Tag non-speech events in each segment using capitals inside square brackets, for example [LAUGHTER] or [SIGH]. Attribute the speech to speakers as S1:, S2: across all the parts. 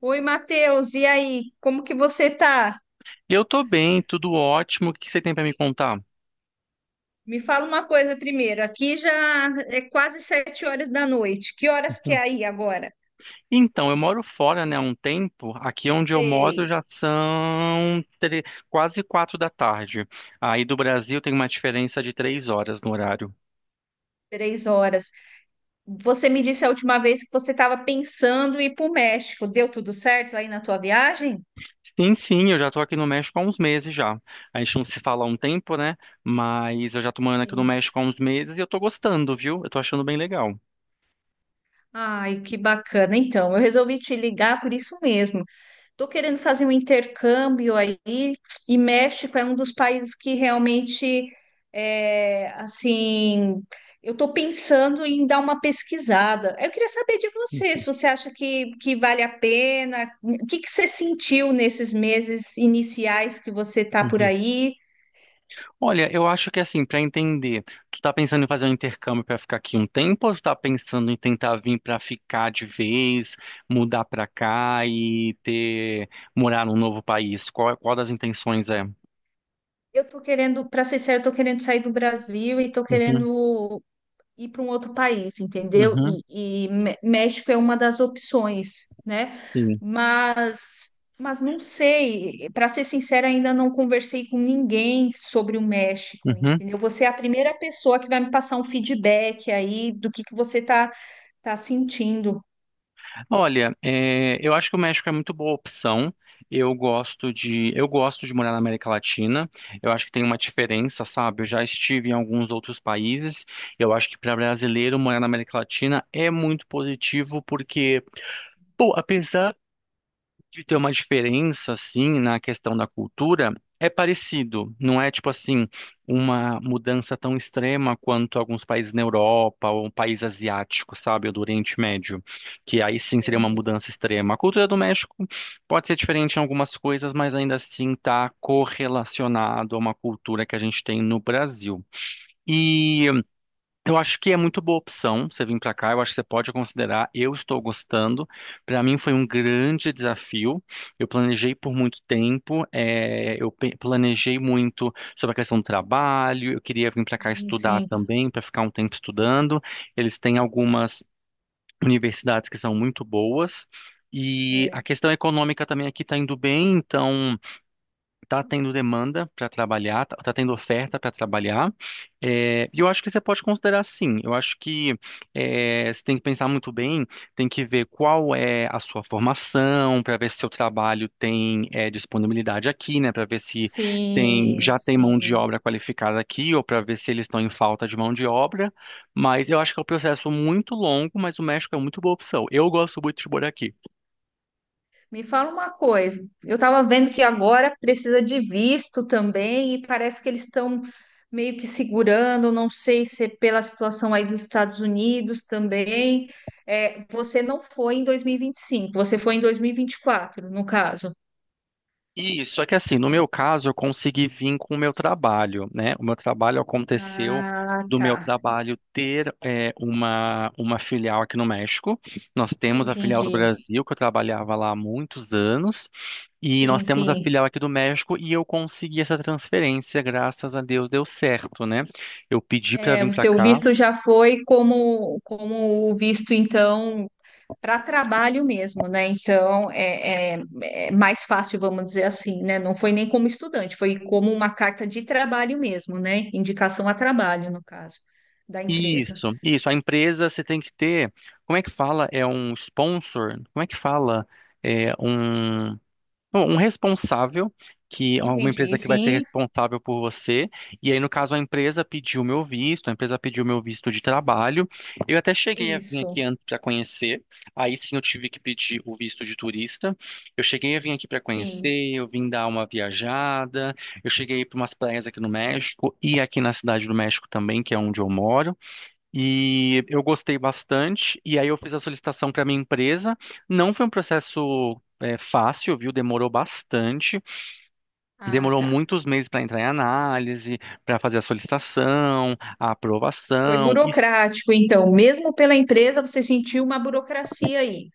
S1: Oi, Matheus, e aí? Como que você tá?
S2: Eu tô bem, tudo ótimo. O que que você tem pra me contar?
S1: Me fala uma coisa primeiro. Aqui já é quase 7 horas da noite. Que horas que é
S2: Hum.
S1: aí agora?
S2: Então, eu moro fora, né, há um tempo. Aqui onde eu moro
S1: Sei,
S2: já são quase 4 da tarde. Aí do Brasil tem uma diferença de 3 horas no horário.
S1: 3 horas. Você me disse a última vez que você estava pensando em ir para o México. Deu tudo certo aí na tua viagem?
S2: Sim, sim, eu já tô aqui no México há uns meses já. A gente não se fala há um tempo, né? Mas eu já tô morando aqui no
S1: Isso.
S2: México há uns meses e eu tô gostando, viu? Eu tô achando bem legal.
S1: Ai, que bacana. Então, eu resolvi te ligar por isso mesmo. Estou querendo fazer um intercâmbio aí, e México é um dos países que realmente, é, assim, eu estou pensando em dar uma pesquisada. Eu queria saber de você, se você acha que vale a pena, o que, que você sentiu nesses meses iniciais que você está por
S2: Uhum.
S1: aí?
S2: Olha, eu acho que assim, para entender, tu tá pensando em fazer um intercâmbio para ficar aqui um tempo ou tu tá pensando em tentar vir para ficar de vez, mudar para cá e ter morar num novo país? Qual das intenções é?
S1: Eu estou querendo, para ser sincero, estou querendo sair do Brasil e estou
S2: Uhum,
S1: querendo ir para um outro país, entendeu?
S2: uhum,
S1: E México é uma das opções, né?
S2: sim.
S1: Mas não sei, para ser sincera, ainda não conversei com ninguém sobre o México,
S2: Uhum.
S1: entendeu? Você é a primeira pessoa que vai me passar um feedback aí do que você tá sentindo.
S2: Olha, é, eu acho que o México é muito boa opção. Eu gosto de morar na América Latina. Eu acho que tem uma diferença, sabe? Eu já estive em alguns outros países. Eu acho que para brasileiro morar na América Latina é muito positivo porque, pô, apesar de ter uma diferença assim na questão da cultura é parecido, não é tipo assim uma mudança tão extrema quanto alguns países na Europa ou um país asiático, sabe, ou do Oriente Médio, que aí sim seria uma
S1: Entendi.
S2: mudança extrema. A cultura do México pode ser diferente em algumas coisas, mas ainda assim está correlacionado a uma cultura que a gente tem no Brasil. E eu acho que é muito boa opção você vir para cá. Eu acho que você pode considerar. Eu estou gostando. Para mim foi um grande desafio. Eu planejei por muito tempo. Eu planejei muito sobre a questão do trabalho. Eu queria vir para cá
S1: Sim,
S2: estudar
S1: sim.
S2: também, para ficar um tempo estudando. Eles têm algumas universidades que são muito boas. E a
S1: É.
S2: questão econômica também aqui está indo bem. Então tá tendo demanda para trabalhar, tá tendo oferta para trabalhar. É, e eu acho que você pode considerar sim. Eu acho que é, você tem que pensar muito bem, tem que ver qual é a sua formação, para ver se seu trabalho tem é, disponibilidade aqui, né? Para ver se tem,
S1: Sim,
S2: já tem mão de
S1: sim.
S2: obra qualificada aqui, ou para ver se eles estão em falta de mão de obra. Mas eu acho que é um processo muito longo, mas o México é muito boa opção. Eu gosto muito de morar aqui.
S1: Me fala uma coisa, eu estava vendo que agora precisa de visto também e parece que eles estão meio que segurando, não sei se é pela situação aí dos Estados Unidos também. É, você não foi em 2025, você foi em 2024, no caso.
S2: Isso, só que assim, no meu caso, eu consegui vir com o meu trabalho, né? O meu trabalho aconteceu
S1: Ah,
S2: do meu
S1: tá.
S2: trabalho ter uma filial aqui no México. Nós temos a filial do
S1: Entendi.
S2: Brasil, que eu trabalhava lá há muitos anos, e nós
S1: Sim,
S2: temos a
S1: sim.
S2: filial aqui do México, e eu consegui essa transferência, graças a Deus deu certo, né? Eu pedi para
S1: É,
S2: vir
S1: o
S2: para
S1: seu
S2: cá.
S1: visto já foi como, como o visto, então. Para trabalho mesmo, né? Então é mais fácil, vamos dizer assim, né? Não foi nem como estudante, foi como uma carta de trabalho mesmo, né? Indicação a trabalho, no caso, da empresa.
S2: Isso, isso. A empresa você tem que ter, como é que fala? É um sponsor? Como é que fala? É um. Bom, um responsável, que é uma
S1: Entendi,
S2: empresa que vai ser
S1: sim,
S2: responsável por você. E aí, no caso, a empresa pediu meu visto, a empresa pediu meu visto de trabalho. Eu até cheguei a vir aqui
S1: isso,
S2: antes para conhecer. Aí sim eu tive que pedir o visto de turista. Eu cheguei a vir aqui para
S1: sim.
S2: conhecer, eu vim dar uma viajada. Eu cheguei para umas praias aqui no México e aqui na cidade do México também, que é onde eu moro. E eu gostei bastante, e aí eu fiz a solicitação para minha empresa. Não foi um processo é, fácil, viu? Demorou bastante,
S1: Ah,
S2: demorou
S1: tá.
S2: muitos meses para entrar em análise, para fazer a solicitação, a
S1: Foi
S2: aprovação. E...
S1: burocrático, então, mesmo pela empresa, você sentiu uma burocracia aí.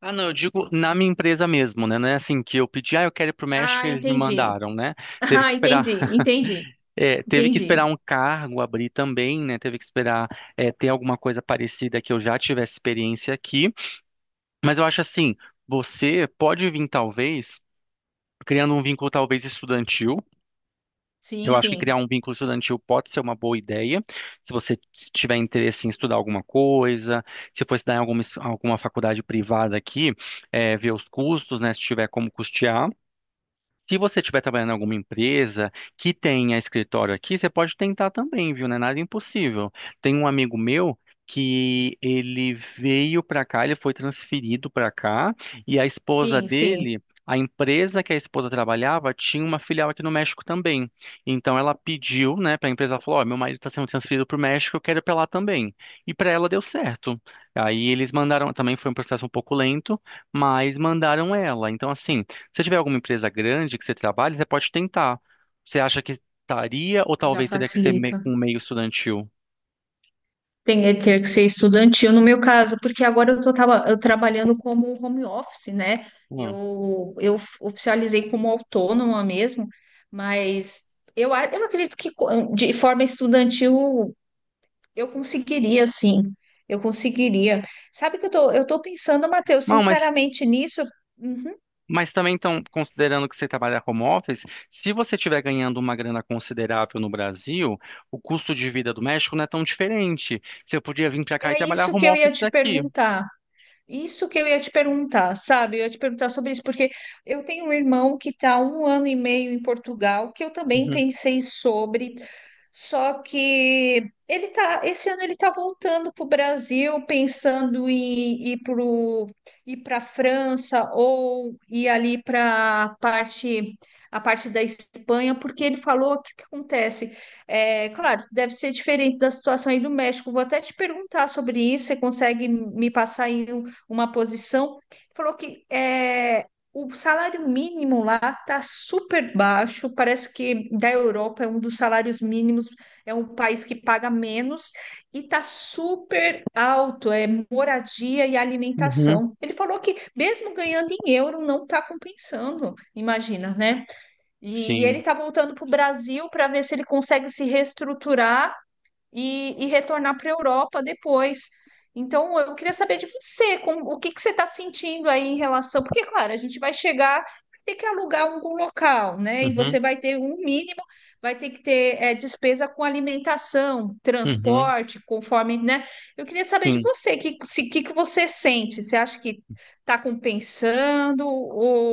S2: Ah, não, eu digo na minha empresa mesmo, né? Não é assim que eu pedi, ah, eu quero ir para o México e
S1: Ah,
S2: eles me
S1: entendi. [LAUGHS]
S2: mandaram, né? Teve que
S1: Ah,
S2: esperar,
S1: entendi, entendi,
S2: [LAUGHS] teve que esperar
S1: entendi.
S2: um cargo abrir também, né? Teve que esperar ter alguma coisa parecida que eu já tivesse experiência aqui. Mas eu acho assim, você pode vir talvez criando um vínculo talvez estudantil.
S1: Sim,
S2: Eu acho que criar
S1: sim,
S2: um vínculo estudantil pode ser uma boa ideia, se você tiver interesse em estudar alguma coisa, se for estudar em alguma, alguma faculdade privada aqui, ver os custos, né, se tiver como custear. Se você estiver trabalhando em alguma empresa que tenha escritório aqui, você pode tentar também, viu? Não é nada impossível. Tem um amigo meu que ele veio para cá, ele foi transferido para cá, e a esposa
S1: sim, sim.
S2: dele, a empresa que a esposa trabalhava, tinha uma filial aqui no México também. Então ela pediu, né, para a empresa, ela falou: Ó, meu marido está sendo transferido para o México, eu quero ir para lá também. E para ela deu certo. Aí eles mandaram, também foi um processo um pouco lento, mas mandaram ela. Então, assim. Se tiver alguma empresa grande que você trabalhe, você pode tentar. Você acha que estaria ou
S1: Já
S2: talvez teria que ser
S1: facilita.
S2: com meio estudantil?
S1: Ter que ser estudantil no meu caso, porque agora eu trabalhando como home office, né?
S2: Hum.
S1: Eu oficializei como autônoma mesmo, mas eu acredito que de forma estudantil eu conseguiria, sim. Eu conseguiria. Sabe que eu tô pensando, Matheus,
S2: Não, mas,
S1: sinceramente nisso. Uhum,
S2: mas também, então, considerando que você trabalha home office, se você estiver ganhando uma grana considerável no Brasil, o custo de vida do México não é tão diferente. Você podia vir para cá e
S1: é
S2: trabalhar
S1: isso
S2: home
S1: que eu ia
S2: office
S1: te
S2: daqui.
S1: perguntar. Isso que eu ia te perguntar, sabe? Eu ia te perguntar sobre isso, porque eu tenho um irmão que está um ano e meio em Portugal, que eu também
S2: Uhum,
S1: pensei sobre, só que ele tá, esse ano ele está voltando para o Brasil, pensando em ir pro, ir para a França ou ir ali para a parte da Espanha, porque ele falou o que que acontece. É, claro, deve ser diferente da situação aí do México. Vou até te perguntar sobre isso. Você consegue me passar aí uma posição, falou que é, o salário mínimo lá está super baixo, parece que da Europa é um dos salários mínimos, é um país que paga menos e está super alto, é moradia e
S2: uhum,
S1: alimentação. Ele falou que mesmo ganhando em euro não está compensando, imagina, né? E ele
S2: sim,
S1: está voltando para o Brasil para ver se ele consegue se reestruturar e retornar para a Europa depois. Então, eu queria saber de você, como, o que que você está sentindo aí em relação, porque, claro, a gente vai chegar, vai ter que alugar algum local, né? E você
S2: uhum,
S1: vai ter um mínimo, vai ter que ter despesa com alimentação,
S2: uhum,
S1: transporte, conforme, né? Eu queria saber de
S2: sim,
S1: você, o que, se, que você sente? Você acha que está compensando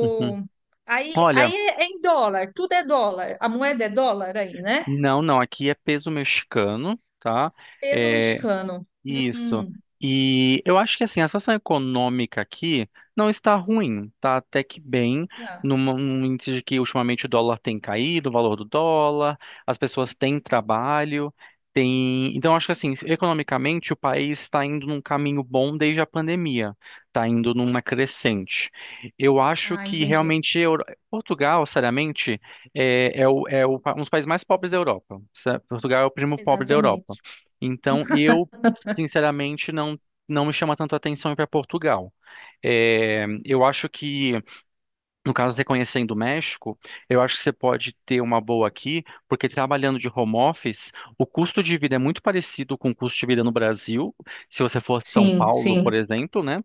S2: uhum.
S1: Aí,
S2: Olha,
S1: aí é em dólar, tudo é dólar, a moeda é dólar aí, né?
S2: não, não, aqui é peso mexicano, tá?
S1: Peso
S2: É,
S1: mexicano.
S2: isso.
S1: Hum.
S2: E eu acho que assim, a situação econômica aqui não está ruim, tá até que bem,
S1: Tá.
S2: num índice de que ultimamente o dólar tem caído, o valor do dólar, as pessoas têm trabalho, tem... Então, acho que assim, economicamente o país está indo num caminho bom desde a pandemia, está indo numa crescente. Eu acho
S1: Ah,
S2: que
S1: entendi.
S2: realmente Portugal, seriamente, um dos países mais pobres da Europa. Portugal é o primo pobre da Europa.
S1: Exatamente.
S2: Então, eu sinceramente, não, não me chama tanto a atenção ir para Portugal. É, eu acho que, no caso, você conhecendo o México, eu acho que você pode ter uma boa aqui, porque trabalhando de home office, o custo de vida é muito parecido com o custo de vida no Brasil, se você for de São
S1: Sim,
S2: Paulo,
S1: sim.
S2: por exemplo, né?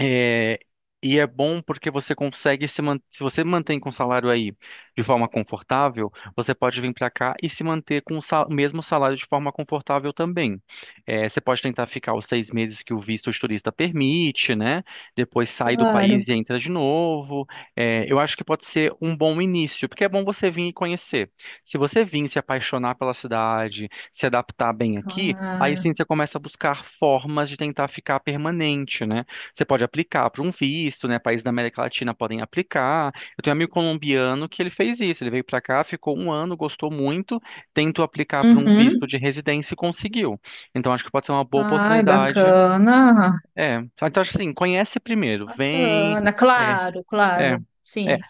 S2: É, e é bom porque você consegue se você mantém com o salário aí de forma confortável, você pode vir para cá e se manter com o mesmo salário de forma confortável também. É, você pode tentar ficar os 6 meses que o visto de turista permite, né? Depois sai do
S1: Claro,
S2: país e entra de novo. É, eu acho que pode ser um bom início, porque é bom você vir e conhecer. Se você vir se apaixonar pela cidade, se adaptar bem aqui, aí
S1: claro.
S2: sim você começa a buscar formas de tentar ficar permanente, né? Você pode aplicar para um visto, né? Países da América Latina podem aplicar. Eu tenho um amigo colombiano que ele fez isso. Ele veio para cá, ficou um ano, gostou muito, tentou aplicar para um
S1: Uhum.
S2: visto de residência e conseguiu. Então acho que pode ser uma boa
S1: Ai,
S2: oportunidade.
S1: bacana.
S2: É. Então acho assim, conhece primeiro, vem.
S1: Bacana.
S2: É,
S1: Claro,
S2: é,
S1: claro.
S2: é.
S1: Sim.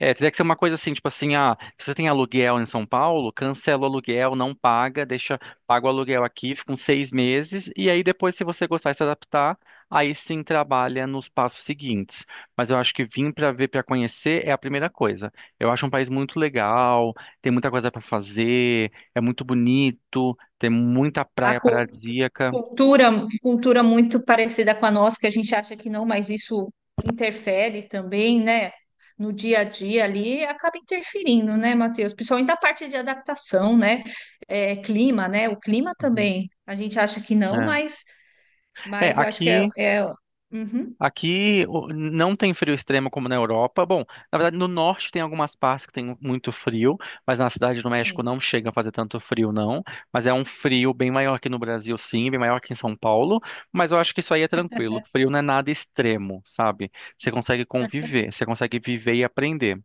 S2: É, teria que ser uma coisa assim, tipo assim, ah, se você tem aluguel em São Paulo, cancela o aluguel, não paga, deixa, paga o aluguel aqui, fica uns 6 meses, e aí depois, se você gostar e se adaptar, aí sim trabalha nos passos seguintes. Mas eu acho que vir para ver, para conhecer é a primeira coisa. Eu acho um país muito legal, tem muita coisa para fazer, é muito bonito, tem muita
S1: A
S2: praia
S1: cu-
S2: paradisíaca.
S1: cultura, cultura muito parecida com a nossa, que a gente acha que não, mas isso interfere também, né? No dia a dia ali, acaba interferindo, né, Matheus? Principalmente a parte de adaptação, né? É, clima, né? O clima
S2: Uhum.
S1: também. A gente acha que não,
S2: É. É,
S1: mas eu acho que é,
S2: aqui.
S1: é... Uhum.
S2: Aqui não tem frio extremo como na Europa. Bom, na verdade, no norte tem algumas partes que tem muito frio, mas na cidade do México
S1: Sim.
S2: não chega a fazer tanto frio, não. Mas é um frio bem maior que no Brasil, sim, bem maior que em São Paulo. Mas eu acho que isso aí é tranquilo. Frio não é nada extremo, sabe? Você consegue conviver, você consegue viver e aprender.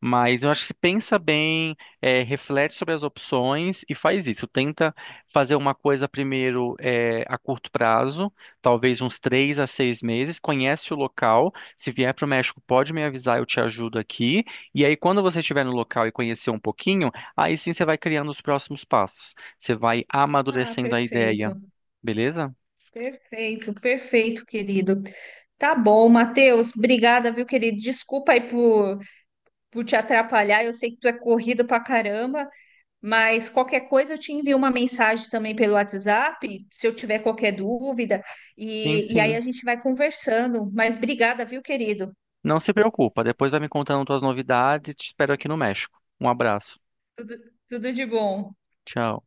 S2: Mas eu acho que se pensa bem, reflete sobre as opções e faz isso. Tenta fazer uma coisa primeiro, a curto prazo, talvez uns 3 a 6 meses. Conhece o local. Se vier para o México, pode me avisar, eu te ajudo aqui. E aí, quando você estiver no local e conhecer um pouquinho, aí sim você vai criando os próximos passos. Você vai
S1: Ah,
S2: amadurecendo a ideia,
S1: perfeito.
S2: beleza?
S1: Perfeito, perfeito, querido. Tá bom, Matheus. Obrigada, viu, querido? Desculpa aí por te atrapalhar. Eu sei que tu é corrido pra caramba, mas qualquer coisa eu te envio uma mensagem também pelo WhatsApp, se eu tiver qualquer dúvida.
S2: Sim,
S1: E aí a
S2: sim.
S1: gente vai conversando. Mas obrigada, viu, querido?
S2: Não se preocupa. Depois vai me contando tuas novidades e te espero aqui no México. Um abraço.
S1: Tudo, tudo de bom.
S2: Tchau.